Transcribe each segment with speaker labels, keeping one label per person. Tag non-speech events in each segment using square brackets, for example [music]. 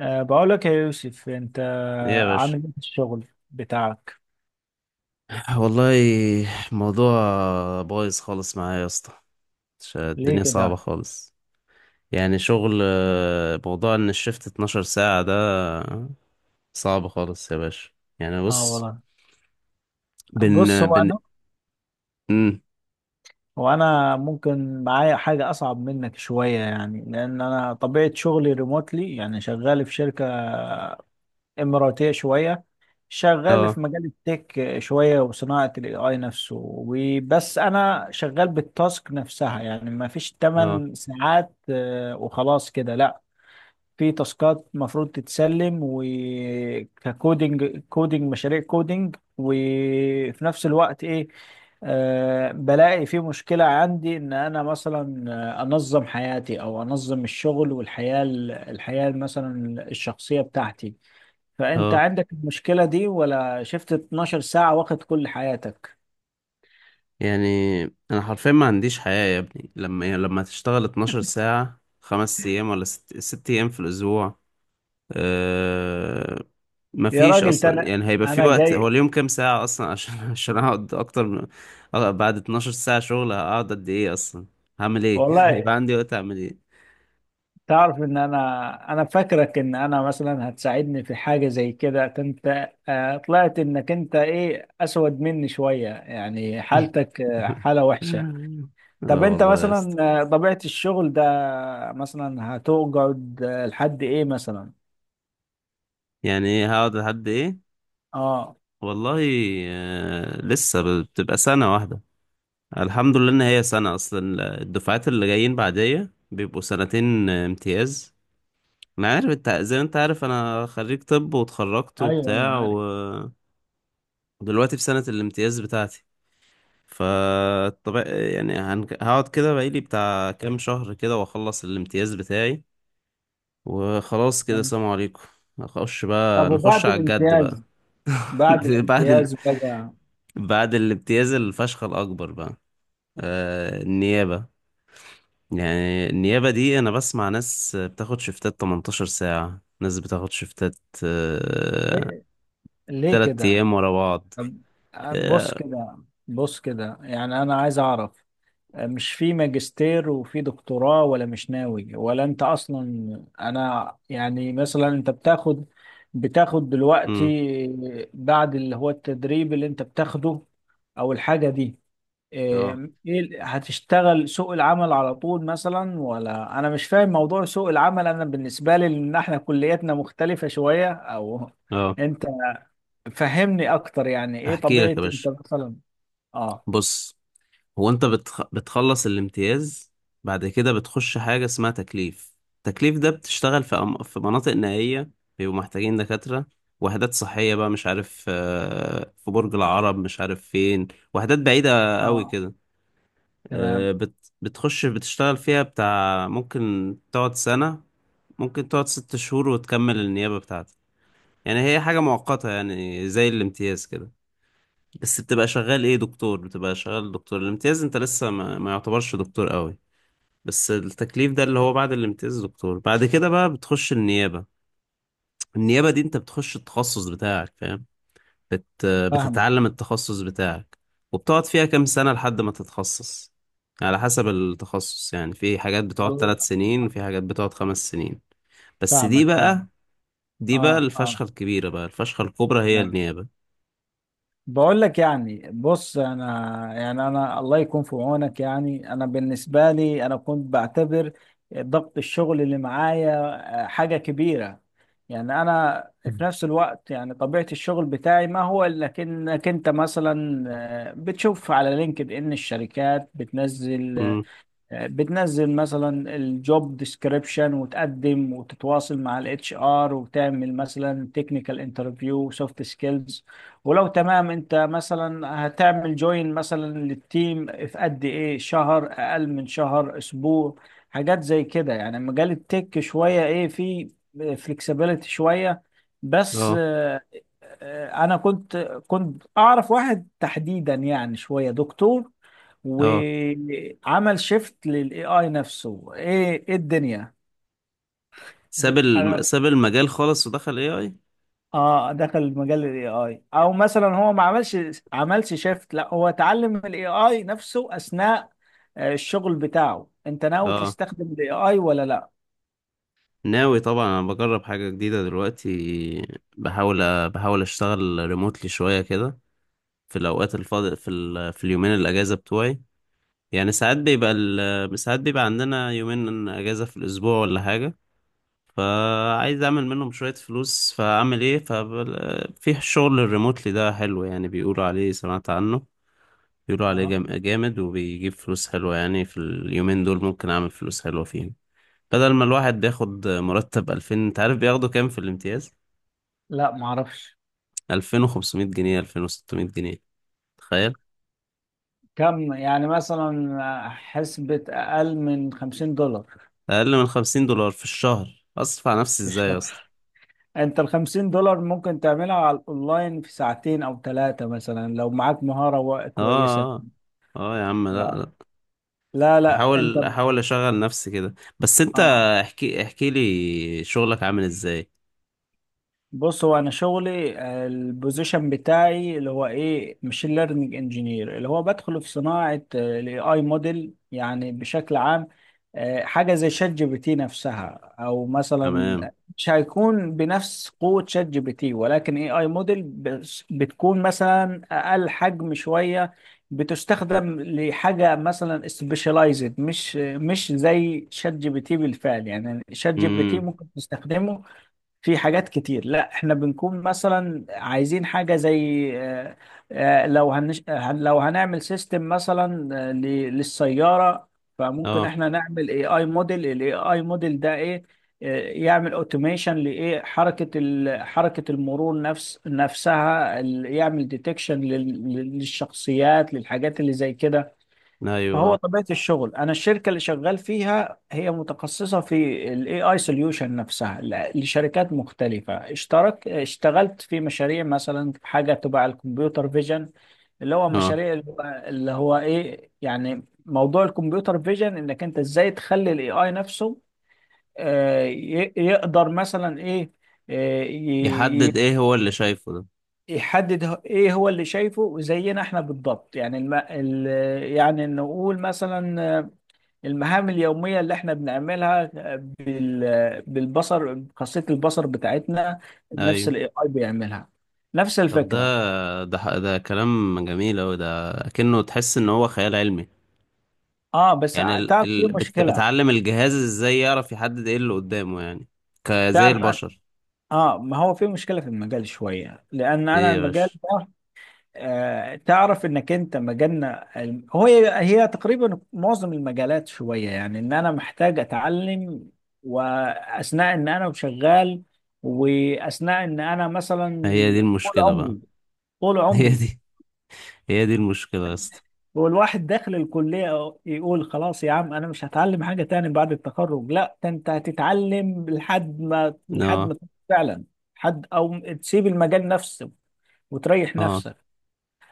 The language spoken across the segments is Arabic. Speaker 1: بقول لك يا يوسف، انت
Speaker 2: ايه يا باشا.
Speaker 1: عامل ايه في الشغل بتاعك؟
Speaker 2: والله الموضوع بايظ خالص معايا يا اسطى.
Speaker 1: ليه
Speaker 2: الدنيا صعبة
Speaker 1: كده؟
Speaker 2: خالص. يعني شغل، موضوع ان الشفت 12 ساعة ده صعب خالص يا باشا. يعني
Speaker 1: اه
Speaker 2: بص.
Speaker 1: والله. بص
Speaker 2: بن
Speaker 1: هو
Speaker 2: بن
Speaker 1: انا
Speaker 2: مم.
Speaker 1: هو انا ممكن معايا حاجه اصعب منك شويه، يعني لان انا طبيعه شغلي ريموتلي، يعني شغال في شركه اماراتيه شويه، شغال
Speaker 2: اه.
Speaker 1: في مجال التك شويه وصناعه الاي اي نفسه. وبس انا شغال بالتاسك نفسها، يعني ما فيش
Speaker 2: اه.
Speaker 1: 8 ساعات وخلاص كده، لا. في تاسكات المفروض تتسلم، وككودينج مشاريع كودينج، وفي نفس الوقت ايه، بلاقي في مشكلة عندي ان انا مثلا انظم حياتي او انظم الشغل والحياة، الحياة مثلا الشخصية بتاعتي. فانت
Speaker 2: اه.
Speaker 1: عندك المشكلة دي، ولا شفت 12 ساعة واخد كل حياتك؟
Speaker 2: يعني انا حرفيا ما عنديش حياة يا ابني، يعني لما تشتغل 12 ساعة 5 ايام ولا ست ايام في الاسبوع. آه،
Speaker 1: يا
Speaker 2: مفيش
Speaker 1: راجل، ده
Speaker 2: اصلا،
Speaker 1: انا
Speaker 2: يعني هيبقى في
Speaker 1: انا
Speaker 2: وقت؟ هو
Speaker 1: جاي.
Speaker 2: اليوم كام ساعة اصلا عشان [laughs] عشان اقعد اكتر من… بعد 12 ساعة شغل هقعد قد ايه اصلا؟ هعمل ايه؟ [laughs]
Speaker 1: والله،
Speaker 2: يبقى عندي وقت اعمل ايه؟
Speaker 1: تعرف ان انا فاكرك ان انا مثلا هتساعدني في حاجه زي كده؟ انت طلعت انك انت ايه، اسود مني شويه، يعني حالتك
Speaker 2: [laughs]
Speaker 1: حاله وحشه. طب
Speaker 2: اه
Speaker 1: انت
Speaker 2: والله يا
Speaker 1: مثلا
Speaker 2: اسطى.
Speaker 1: طبيعه الشغل ده مثلا هتقعد لحد ايه مثلا؟
Speaker 2: يعني ايه هقعد لحد ايه؟
Speaker 1: اه،
Speaker 2: والله، لسه بتبقى سنة واحدة. الحمد لله ان هي سنة، اصلا الدفعات اللي جايين بعدية بيبقوا سنتين امتياز. ما عارف، انت زي ما انت عارف انا خريج طب واتخرجت
Speaker 1: ايوه ايوه،
Speaker 2: وبتاع
Speaker 1: عارف.
Speaker 2: و… دلوقتي في سنة الامتياز بتاعتي. فطبعا يعني هقعد كده بقالي بتاع كام شهر كده واخلص الامتياز بتاعي، وخلاص كده
Speaker 1: تمام.
Speaker 2: سلام عليكم. نخش
Speaker 1: طب
Speaker 2: بقى، نخش
Speaker 1: وبعد
Speaker 2: على الجد بقى.
Speaker 1: الامتياز، بعد
Speaker 2: [laughs] بعد ال...
Speaker 1: الامتياز بقى؟
Speaker 2: بعد الامتياز الفشخ الأكبر بقى. النيابة. يعني النيابة دي أنا بسمع ناس بتاخد شفتات 18 ساعة، ناس بتاخد شفتات آه...
Speaker 1: ليه، ليه
Speaker 2: تلات
Speaker 1: كده؟
Speaker 2: أيام ورا بعض.
Speaker 1: طب بص
Speaker 2: اه.
Speaker 1: كده، بص كده، يعني انا عايز اعرف، مش في ماجستير وفي دكتوراه، ولا مش ناوي، ولا انت اصلا؟ انا يعني مثلا انت بتاخد دلوقتي
Speaker 2: مم.
Speaker 1: بعد اللي هو التدريب اللي انت بتاخده، او الحاجة دي،
Speaker 2: اه.
Speaker 1: اه، ايه هتشتغل سوق العمل على طول مثلا، ولا انا مش فاهم موضوع سوق العمل؟ انا بالنسبة لي ان احنا كلياتنا مختلفة شوية، او
Speaker 2: آه.
Speaker 1: انت فهمني اكتر، يعني ايه
Speaker 2: احكي
Speaker 1: طبيعة
Speaker 2: لك يا
Speaker 1: انت
Speaker 2: باشا.
Speaker 1: مثلا؟ اه،
Speaker 2: بص، هو انت بتخلص الامتياز، بعد كده بتخش حاجة اسمها تكليف. التكليف ده بتشتغل في مناطق نائية، بيبقوا محتاجين دكاترة. وحدات صحية بقى، مش عارف في برج العرب مش عارف فين، وحدات بعيدة قوي
Speaker 1: اه،
Speaker 2: كده.
Speaker 1: تمام.
Speaker 2: بتخش بتشتغل فيها بتاع، ممكن تقعد سنة، ممكن تقعد 6 شهور وتكمل النيابة بتاعتك. يعني هي حاجة مؤقتة، يعني زي الامتياز كده، بس بتبقى شغال ايه؟ دكتور. بتبقى شغال دكتور الامتياز، انت لسه ما يعتبرش دكتور قوي. بس التكليف ده اللي هو بعد الامتياز يا دكتور، بعد كده بقى بتخش النيابة. النيابة دي انت بتخش التخصص بتاعك، فاهم؟ بت...
Speaker 1: فاهمه.
Speaker 2: بتتعلم التخصص بتاعك، وبتقعد فيها كام سنة لحد ما تتخصص. على حسب التخصص، يعني في حاجات بتقعد
Speaker 1: والله
Speaker 2: 3 سنين، في حاجات بتقعد 5 سنين. بس دي
Speaker 1: فاهمك،
Speaker 2: بقى،
Speaker 1: فاهمك. اه،
Speaker 2: الفشخة
Speaker 1: اه،
Speaker 2: الكبيرة بقى، الفشخة الكبرى، هي
Speaker 1: تمام.
Speaker 2: النيابة.
Speaker 1: بقول لك، يعني بص، انا يعني انا الله يكون في عونك. يعني انا بالنسبه لي انا كنت بعتبر ضغط الشغل اللي معايا حاجه كبيره. يعني انا في نفس الوقت، يعني طبيعه الشغل بتاعي ما هو الا انك انت مثلا بتشوف على لينكد ان الشركات بتنزل
Speaker 2: امم.
Speaker 1: بتنزل مثلا الجوب ديسكريبشن، وتقدم وتتواصل مع الاتش ار، وتعمل مثلا تكنيكال انترفيو، سوفت سكيلز، ولو تمام انت مثلا هتعمل جوين مثلا للتيم في قد ايه، شهر، اقل من شهر، اسبوع، حاجات زي كده. يعني مجال التك شوية ايه فيه، فليكسيبيليتي شوية. بس
Speaker 2: اه.
Speaker 1: انا كنت اعرف واحد تحديدا، يعني شوية دكتور،
Speaker 2: اه.
Speaker 1: وعمل شيفت للاي اي نفسه، ايه ايه الدنيا. انا،
Speaker 2: ساب المجال خالص ودخل اي اي.
Speaker 1: اه، دخل مجال الاي اي، او مثلا هو ما عملش شيفت، لا هو اتعلم الاي اي نفسه اثناء الشغل بتاعه. انت ناوي
Speaker 2: اه،
Speaker 1: تستخدم الاي اي ولا لا؟
Speaker 2: ناوي طبعا، انا بجرب حاجة جديدة دلوقتي. بحاول اشتغل ريموتلي شوية كده، في الاوقات الفاضي في اليومين الاجازة بتوعي. يعني ساعات ساعات بيبقى عندنا يومين اجازة في الاسبوع ولا حاجة، فعايز اعمل منهم شوية فلوس، فاعمل ايه؟ في الشغل الريموتلي ده حلو، يعني بيقولوا عليه، سمعت عنه. بيقولوا عليه
Speaker 1: اه،
Speaker 2: جامد وبيجيب فلوس حلوة، يعني في اليومين دول ممكن اعمل فلوس حلوة فيهم. بدل ما الواحد بياخد مرتب 2000، انت عارف بياخدوا كام في الامتياز؟
Speaker 1: لا ما اعرفش.
Speaker 2: 2500 جنيه، 2600 جنيه، تخيل.
Speaker 1: كم يعني مثلا، حسبة اقل من 50 دولار
Speaker 2: اقل من 50 دولار في الشهر، اصرف على نفسي
Speaker 1: في
Speaker 2: ازاي يا
Speaker 1: الشهر؟
Speaker 2: اسطى؟
Speaker 1: انت ال 50 دولار ممكن تعملها على الاونلاين في ساعتين او ثلاثة مثلا، لو معاك مهارة كويسة.
Speaker 2: اه. اه. اه يا عم، لا
Speaker 1: آه.
Speaker 2: لا.
Speaker 1: لا لا، انت،
Speaker 2: احاول اشغل نفسي كده. بس انت،
Speaker 1: اه،
Speaker 2: احكي لي شغلك عامل ازاي.
Speaker 1: بص، هو انا شغلي البوزيشن بتاعي اللي هو ايه، ماشين ليرنينج انجينير، اللي هو بدخل في صناعه الاي اي موديل يعني بشكل عام، حاجه زي شات جي بي تي نفسها، او مثلا
Speaker 2: تمام.
Speaker 1: مش هيكون بنفس قوه شات جي بي تي، ولكن اي اي موديل بتكون مثلا اقل حجم شويه، بتستخدم لحاجه مثلا سبيشاليزد، مش زي شات جي بي تي بالفعل. يعني شات جي بي تي
Speaker 2: امم.
Speaker 1: ممكن تستخدمه في حاجات كتير. لا، احنا بنكون مثلا عايزين حاجة زي لو هنعمل سيستم مثلا للسيارة. فممكن
Speaker 2: اه.
Speaker 1: احنا نعمل اي اي موديل. الاي اي موديل ده ايه، يعمل اوتوميشن لايه، حركة المرور نفس نفسها، يعمل ديتكشن للشخصيات، للحاجات اللي زي كده.
Speaker 2: ايوه.
Speaker 1: فهو
Speaker 2: اه.
Speaker 1: طبيعة الشغل، أنا الشركة اللي شغال فيها هي متخصصة في ال AI solution نفسها، لشركات مختلفة. اشتغلت في مشاريع مثلا في حاجة تبع الكمبيوتر فيجن، اللي هو
Speaker 2: اه.
Speaker 1: مشاريع اللي هو إيه، يعني موضوع الكمبيوتر فيجن، إنك أنت إزاي تخلي ال AI نفسه يقدر مثلا إيه، آه، ي- ي-
Speaker 2: يحدد ايه هو اللي شايفه ده.
Speaker 1: يحدد ايه هو اللي شايفه، زينا احنا بالضبط. يعني يعني نقول مثلا المهام اليومية اللي احنا بنعملها بالبصر، خاصية البصر بتاعتنا، نفس
Speaker 2: ايوه.
Speaker 1: الاي اي بيعملها، نفس
Speaker 2: طب
Speaker 1: الفكرة.
Speaker 2: ده كلام جميل اوي، ده كأنه تحس ان هو خيال علمي.
Speaker 1: اه بس
Speaker 2: يعني
Speaker 1: تعرف في مشكلة.
Speaker 2: بتعلم الجهاز ازاي يعرف يحدد ايه اللي قدامه يعني، كزي
Speaker 1: تعرف أنا،
Speaker 2: البشر.
Speaker 1: اه، ما هو في مشكلة في المجال شوية، لأن أنا
Speaker 2: ايه يا
Speaker 1: المجال
Speaker 2: باشا،
Speaker 1: ده تعرف إنك أنت مجالنا هو، هي تقريبا معظم المجالات شوية، يعني إن أنا محتاج أتعلم وأثناء إن أنا شغال، وأثناء إن أنا مثلا
Speaker 2: هي دي
Speaker 1: طول
Speaker 2: المشكلة بقى.
Speaker 1: عمري، طول
Speaker 2: [laughs] هي
Speaker 1: عمري.
Speaker 2: دي هي دي المشكلة يا اسطى.
Speaker 1: والواحد داخل الكلية يقول خلاص، يا عم أنا مش هتعلم حاجة تاني بعد التخرج. لا، ده أنت هتتعلم لحد ما، لحد ما
Speaker 2: اه.
Speaker 1: تموت فعلا حد، أو تسيب المجال نفسه وتريح
Speaker 2: اه.
Speaker 1: نفسك،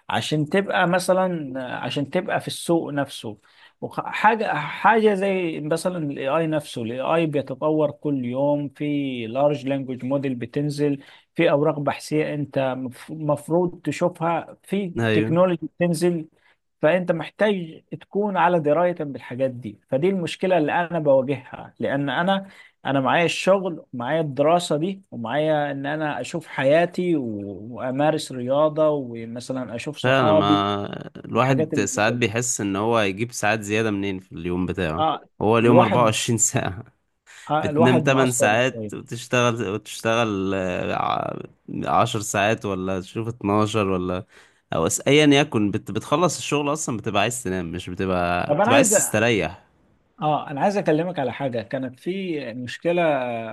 Speaker 1: عشان تبقى مثلا، عشان تبقى في السوق نفسه. حاجة، حاجة زي مثلا الاي اي نفسه، الاي اي بيتطور كل يوم، في لارج لانجوج موديل بتنزل، في اوراق بحثية انت مفروض تشوفها، في
Speaker 2: ايوه.
Speaker 1: تكنولوجي بتنزل. فانت محتاج تكون على درايه بالحاجات دي. فدي المشكله اللي انا بواجهها، لان انا معايا الشغل، ومعايا الدراسه دي، ومعايا ان انا اشوف حياتي وامارس رياضه، ومثلا اشوف
Speaker 2: فعلا،
Speaker 1: صحابي،
Speaker 2: ما
Speaker 1: الحاجات
Speaker 2: الواحد
Speaker 1: اللي زي
Speaker 2: ساعات
Speaker 1: كده.
Speaker 2: بيحس ان هو هيجيب ساعات زيادة منين في اليوم بتاعه.
Speaker 1: اه،
Speaker 2: هو اليوم
Speaker 1: الواحد،
Speaker 2: 24 ساعة، بتنام
Speaker 1: الواحد
Speaker 2: 8
Speaker 1: مقصر شويه.
Speaker 2: ساعات وتشتغل وتشتغل، 10 ساعات ولا تشوف 12 ولا… او ايا يكن، بتخلص الشغل اصلا بتبقى عايز تنام، مش بتبقى
Speaker 1: طب انا
Speaker 2: بتبقى
Speaker 1: عايز،
Speaker 2: عايز تستريح.
Speaker 1: اه انا عايز اكلمك على حاجه كانت في مشكله،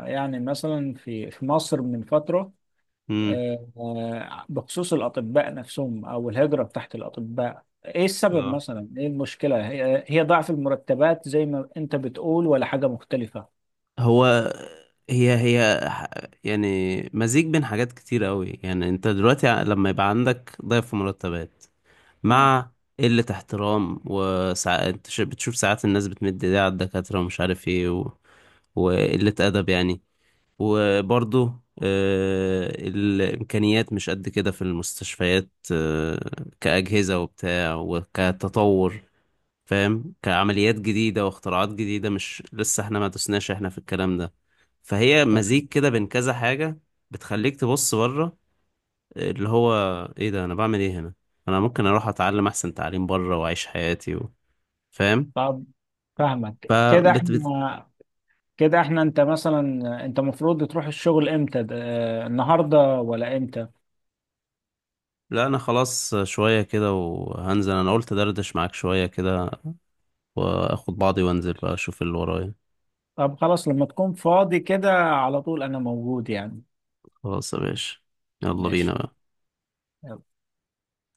Speaker 1: يعني مثلا في في مصر من فتره،
Speaker 2: امم.
Speaker 1: بخصوص الأطباء نفسهم، أو الهجرة بتاعت الأطباء، إيه السبب
Speaker 2: اه.
Speaker 1: مثلا؟ إيه المشكلة؟ هي ضعف المرتبات زي ما أنت بتقول، ولا حاجة مختلفة؟
Speaker 2: هو هي هي ح- يعني مزيج بين حاجات كتير قوي. يعني انت دلوقتي لما يبقى عندك ضعف مرتبات
Speaker 1: آه
Speaker 2: مع قلة احترام، وساعات بتشوف ساعات الناس بتمد ايديها على الدكاترة، ومش عارف ايه و… وقلة أدب يعني. وبرضه الإمكانيات مش قد كده في المستشفيات، كأجهزة وبتاع وكتطور، فاهم؟ كعمليات جديدة واختراعات جديدة، مش لسه احنا ما دوسناش احنا في الكلام ده. فهي مزيج
Speaker 1: فاهمك.
Speaker 2: كده بين كذا حاجة، بتخليك تبص بره، اللي هو ايه ده؟ انا بعمل ايه هنا؟ انا ممكن اروح اتعلم احسن تعليم بره واعيش حياتي و… فاهم.
Speaker 1: طب فاهمك، كده
Speaker 2: فبت بت...
Speaker 1: إحنا، كده إحنا، أنت مثلا، أنت المفروض تروح الشغل إمتى؟ النهاردة ولا إمتى؟
Speaker 2: لا انا خلاص، شوية كده وهنزل. انا قلت دردش معاك شوية كده، واخد بعضي وانزل بقى اشوف اللي ورايا.
Speaker 1: طب خلاص، لما تكون فاضي كده على طول أنا موجود يعني.
Speaker 2: خلاص يا باشا، يلا بينا
Speaker 1: ماشي.
Speaker 2: بقى.